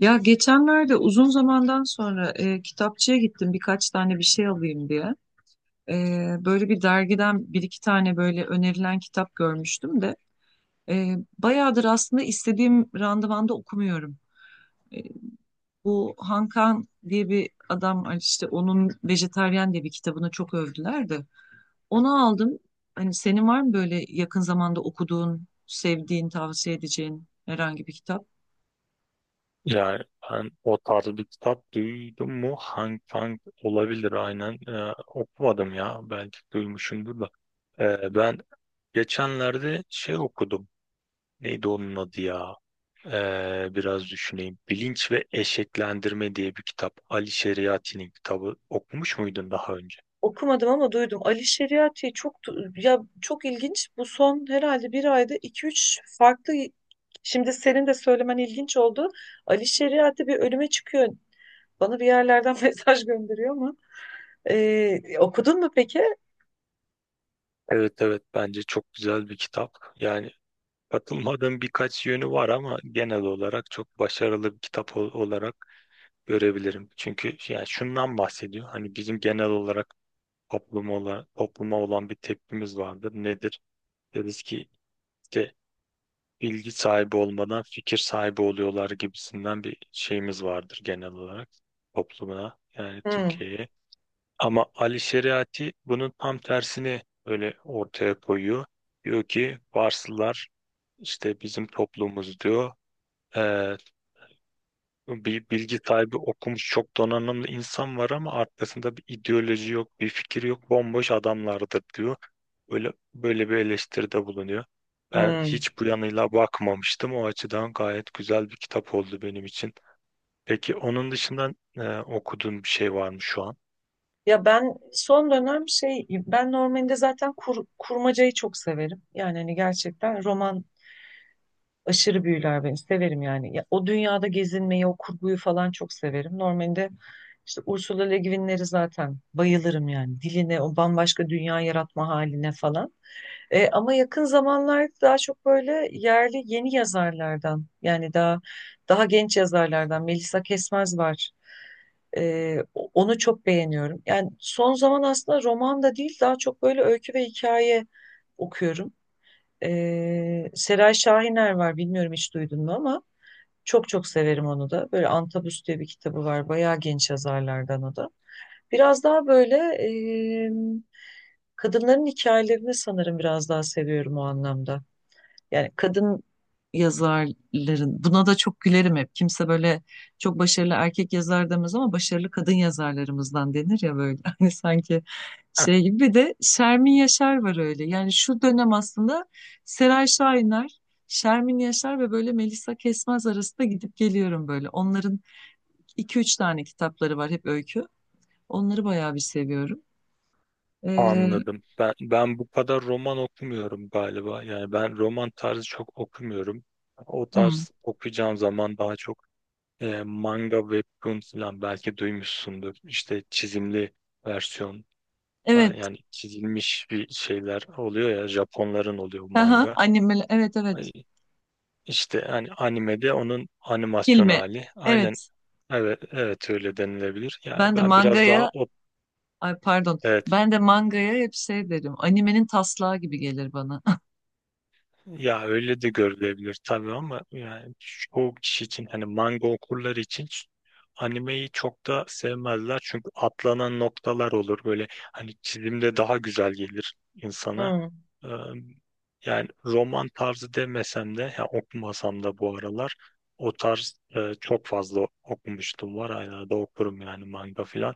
Ya geçenlerde uzun zamandan sonra kitapçıya gittim birkaç tane bir şey alayım diye. E, Böyle bir dergiden bir iki tane böyle önerilen kitap görmüştüm de bayağıdır aslında istediğim randevanda okumuyorum. E, Bu Hankan diye bir adam var işte onun Vejetaryen diye bir kitabını çok övdüler de. Onu aldım. Hani senin var mı böyle yakın zamanda okuduğun, sevdiğin, tavsiye edeceğin herhangi bir kitap? Yani ben o tarz bir kitap duydum mu? Hang Kang olabilir aynen. Okumadım ya. Belki duymuşumdur da. Ben geçenlerde şey okudum. Neydi onun adı ya? Biraz düşüneyim. Bilinç ve Eşeklendirme diye bir kitap. Ali Şeriati'nin kitabı. Okumuş muydun daha önce? Okumadım ama duydum. Ali Şeriati çok ya çok ilginç. Bu son herhalde bir ayda iki üç farklı. Şimdi senin de söylemen ilginç oldu. Ali Şeriati bir ölüme çıkıyor. Bana bir yerlerden mesaj gönderiyor ama. Okudun mu peki? Evet evet, bence çok güzel bir kitap. Yani katılmadığım birkaç yönü var ama genel olarak çok başarılı bir kitap olarak görebilirim. Çünkü yani şundan bahsediyor. Hani bizim genel olarak topluma olan bir tepkimiz vardır. Nedir? Deriz ki işte bilgi sahibi olmadan fikir sahibi oluyorlar gibisinden bir şeyimiz vardır genel olarak toplumuna yani Hmm, Türkiye'ye. Ama Ali Şeriati bunun tam tersini öyle ortaya koyuyor. Diyor ki Farslılar işte bizim toplumumuz diyor. Bir bilgi sahibi okumuş çok donanımlı insan var ama arkasında bir ideoloji yok, bir fikir yok, bomboş adamlardır diyor. Böyle böyle bir eleştiride bulunuyor. Ben hmm. hiç bu yanıyla bakmamıştım. O açıdan gayet güzel bir kitap oldu benim için. Peki onun dışında okuduğun bir şey var mı şu an? Ya ben son dönem şey ben normalde zaten kurmacayı çok severim. Yani hani gerçekten roman aşırı büyüler beni. Severim yani. Ya, o dünyada gezinmeyi, o kurguyu falan çok severim. Normalde işte Ursula Le Guin'leri zaten bayılırım yani. Diline, o bambaşka dünya yaratma haline falan. Ama yakın zamanlarda daha çok böyle yerli yeni yazarlardan yani daha genç yazarlardan Melisa Kesmez var. Onu çok beğeniyorum. Yani son zaman aslında roman da değil daha çok böyle öykü ve hikaye okuyorum. Seray Şahiner var, bilmiyorum hiç duydun mu ama çok çok severim onu da. Böyle Antabus diye bir kitabı var. Bayağı genç yazarlardan o da. Biraz daha böyle e, kadınların hikayelerini sanırım biraz daha seviyorum o anlamda. Yani kadın yazarların buna da çok gülerim hep. Kimse böyle çok başarılı erkek yazar demez ama başarılı kadın yazarlarımızdan denir ya böyle. Hani sanki Heh, şey gibi bir de Şermin Yaşar var öyle. Yani şu dönem aslında Seray Şahinler, Şermin Yaşar ve böyle Melisa Kesmez arasında gidip geliyorum böyle. Onların iki üç tane kitapları var hep öykü. Onları bayağı bir seviyorum. Ee, anladım. Ben bu kadar roman okumuyorum galiba. Yani ben roman tarzı çok okumuyorum. O hmm, tarz okuyacağım zaman daha çok manga webtoon falan belki duymuşsundur. İşte çizimli versiyon falan, evet. yani çizilmiş bir şeyler oluyor ya, Japonların oluyor bu Aha, manga. annem, evet, Ay, evet. İşte hani animede onun animasyon Filmi. hali. Aynen Evet. evet evet, öyle denilebilir. Ya Ben de ben biraz daha mangaya, o ay pardon, evet. ben de mangaya hep şey derim. Animenin taslağı gibi gelir bana. Ya öyle de görülebilir tabii ama yani çoğu kişi için hani manga okurları için animeyi çok da sevmezler. Çünkü atlanan noktalar olur böyle, hani çizimde daha güzel gelir insana. Hmm, Ee, Yani roman tarzı demesem de ya okumasam da bu aralar o tarz çok fazla okumuştum, var hala da okurum yani manga filan.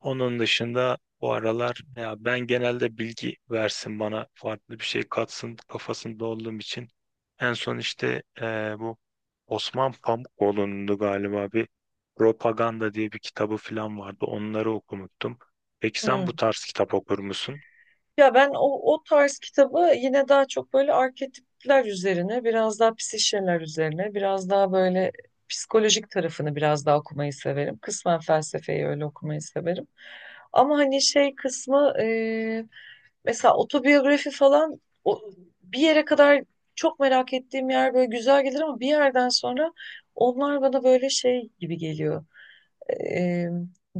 Onun dışında bu aralar ya ben genelde bilgi versin bana farklı bir şey katsın kafasında olduğum için. En son işte bu Osman Pamukoğlu'nun da galiba bir Propaganda diye bir kitabı falan vardı. Onları okumuştum. Peki sen hmm. bu tarz kitap okur musun? Ya ben o tarz kitabı yine daha çok böyle arketipler üzerine, biraz daha psişeler üzerine, biraz daha böyle psikolojik tarafını biraz daha okumayı severim. Kısmen felsefeyi öyle okumayı severim. Ama hani şey kısmı mesela otobiyografi falan o, bir yere kadar çok merak ettiğim yer böyle güzel gelir ama bir yerden sonra onlar bana böyle şey gibi geliyor. Eee,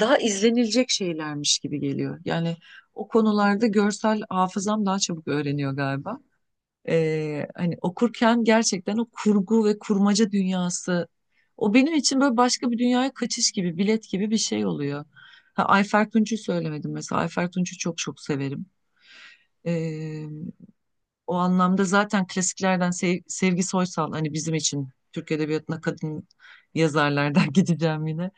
Daha izlenilecek şeylermiş gibi geliyor. Yani o konularda görsel hafızam daha çabuk öğreniyor galiba. Hani okurken gerçekten o kurgu ve kurmaca dünyası o benim için böyle başka bir dünyaya kaçış gibi, bilet gibi bir şey oluyor. Ha, Ayfer Tunç'u söylemedim mesela. Ayfer Tunç'u çok çok severim. O anlamda zaten klasiklerden Sevgi Soysal hani bizim için Türk Edebiyatı'na kadın yazarlardan gideceğim yine.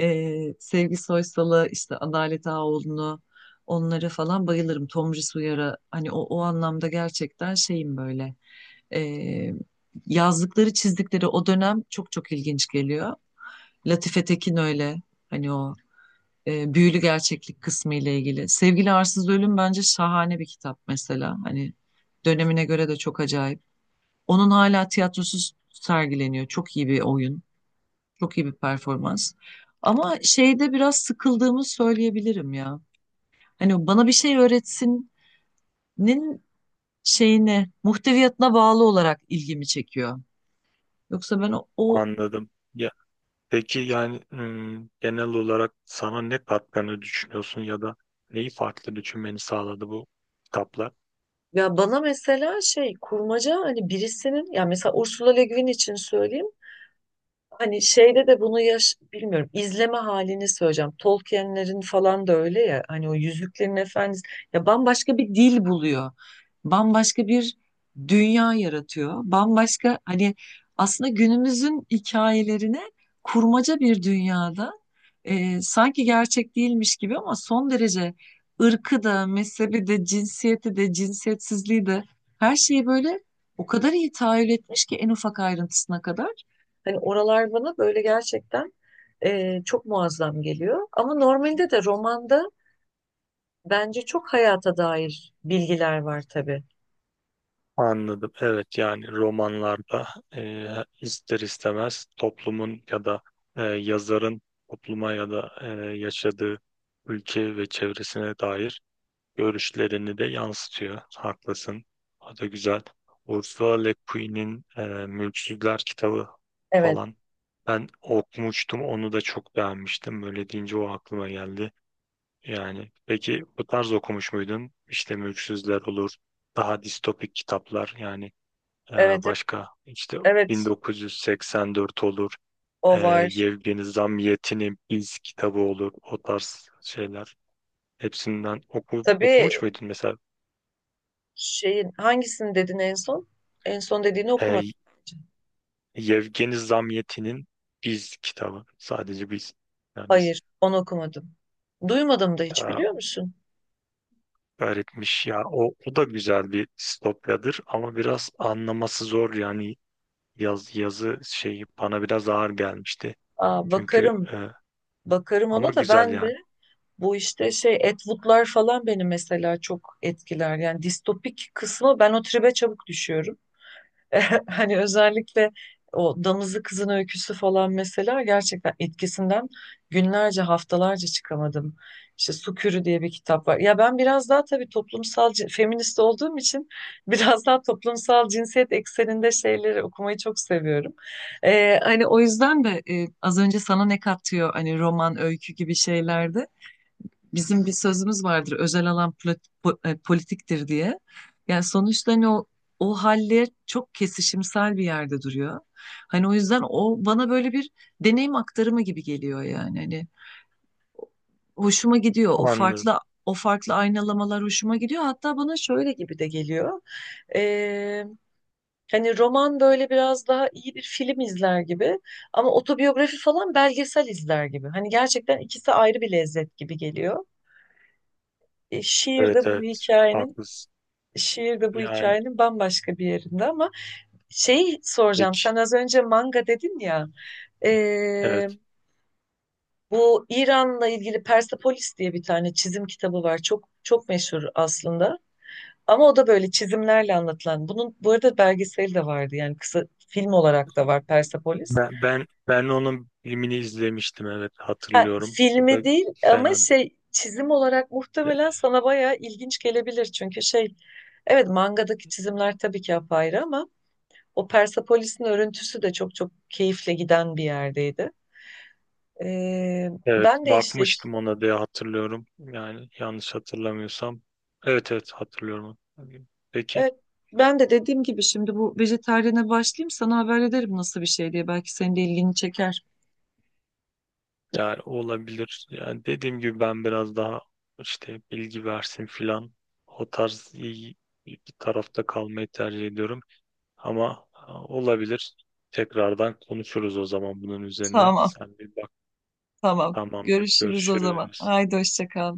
Sevgi Soysal'a işte Adalet Ağaoğlu'nu onlara falan bayılırım. Tomris Uyar'a hani o anlamda gerçekten şeyim böyle. Ee, Yazdıkları çizdikleri o dönem çok çok ilginç geliyor. Latife Tekin öyle hani o büyülü gerçeklik kısmı ile ilgili. Sevgili Arsız Ölüm bence şahane bir kitap mesela. Hani dönemine göre de çok acayip. Onun hala tiyatrosuz sergileniyor. Çok iyi bir oyun, çok iyi bir performans. Ama şeyde biraz sıkıldığımı söyleyebilirim ya. Hani bana bir şey öğretsinin şeyine, muhteviyatına bağlı olarak ilgimi çekiyor. Yoksa ben o, o-. Anladım. Ya, peki yani hmm, genel olarak sana ne katkını düşünüyorsun ya da neyi farklı düşünmeni sağladı bu kitaplar? Ya bana mesela şey kurmaca hani birisinin ya mesela Ursula Le Guin için söyleyeyim. Hani şeyde de bunu yaş bilmiyorum izleme halini söyleyeceğim. Tolkien'lerin falan da öyle ya hani o Yüzüklerin Efendisi ya bambaşka bir dil buluyor. Bambaşka bir dünya yaratıyor. Bambaşka hani aslında günümüzün hikayelerine kurmaca bir dünyada sanki gerçek değilmiş gibi ama son derece ırkı da mezhebi de cinsiyeti de cinsiyetsizliği de her şeyi böyle o kadar iyi tahayyül etmiş ki en ufak ayrıntısına kadar. Hani oralar bana böyle gerçekten çok muazzam geliyor. Ama normalde de romanda bence çok hayata dair bilgiler var tabii. Anladım. Evet, yani romanlarda e, ister istemez toplumun ya da yazarın topluma ya da yaşadığı ülke ve çevresine dair görüşlerini de yansıtıyor. Haklısın. O da güzel. Ursula Le Guin'in Mülksüzler kitabı Evet, falan ben okumuştum. Onu da çok beğenmiştim. Böyle deyince o aklıma geldi. Yani peki bu tarz okumuş muydun? İşte Mülksüzler olur. Daha distopik kitaplar yani, ee, evet, evet, başka işte evet, 1984 olur. o Ee, var. Yevgeni Zamyatin'in İz kitabı olur. O tarz şeyler. Hepsinden Tabii okumuş muydun mesela? şeyin hangisini dedin en son? En son dediğini okumadım Ee, bence. Yevgeni Zamyatin'in İz kitabı. Sadece biz. Yani biz Hayır, onu okumadım. Duymadım da hiç ya, biliyor musun? öğretmiş ya. O, o da güzel bir distopyadır ama biraz anlaması zor yani yazı şeyi bana biraz ağır gelmişti. Aa, Çünkü bakarım, bakarım ama ona da. güzel Ben yani. de bu işte şey Atwood'lar falan beni mesela çok etkiler. Yani distopik kısmı ben o tribe çabuk düşüyorum. Hani özellikle o Damızlı Kızın Öyküsü falan mesela gerçekten etkisinden günlerce haftalarca çıkamadım. İşte Sukürü diye bir kitap var. Ya ben biraz daha tabii toplumsal feminist olduğum için biraz daha toplumsal cinsiyet ekseninde şeyleri okumayı çok seviyorum. Hani o yüzden de az önce sana ne katıyor hani roman, öykü gibi şeylerde bizim bir sözümüz vardır özel alan politiktir diye. Yani sonuçta hani o haller çok kesişimsel bir yerde duruyor. Hani o yüzden o bana böyle bir deneyim aktarımı gibi geliyor yani. Hani hoşuma gidiyor o Anladım. farklı o farklı aynalamalar hoşuma gidiyor. Hatta bana şöyle gibi de geliyor. Ee, Hani roman böyle biraz daha iyi bir film izler gibi ama otobiyografi falan belgesel izler gibi. Hani gerçekten ikisi ayrı bir lezzet gibi geliyor. E, şiir Evet de bu evet, hikayenin haklısın. şiir de bu Yani hikayenin bambaşka bir yerinde ama şeyi soracağım. Sen pek az önce manga dedin ya. e, evet. Bu İran'la ilgili Persepolis diye bir tane çizim kitabı var. Çok çok meşhur aslında. Ama o da böyle çizimlerle anlatılan. Bunun bu arada belgeseli de vardı. Yani kısa film olarak da var Persepolis. Ben onun filmini izlemiştim, evet Ha, hatırlıyorum. O da filmi değil ama fena. şey çizim olarak muhtemelen sana bayağı ilginç gelebilir. Çünkü şey evet mangadaki çizimler tabii ki apayrı ama o Persepolis'in örüntüsü de çok çok keyifle giden bir yerdeydi. Ee, Evet Ben de işte bakmıştım ona diye hatırlıyorum. Yani yanlış hatırlamıyorsam. Evet evet, hatırlıyorum. Peki evet, ben de dediğim gibi şimdi bu vejetaryene başlayayım sana haber ederim nasıl bir şey diye. Belki senin de ilgini çeker. yani olabilir. Yani dediğim gibi ben biraz daha işte bilgi versin filan, o tarz iyi bir tarafta kalmayı tercih ediyorum. Ama ha, olabilir. Tekrardan konuşuruz o zaman bunun üzerine. Tamam. Sen bir bak. Tamam. Tamamdır. Görüşürüz o zaman. Görüşürüz. Haydi hoşça kal.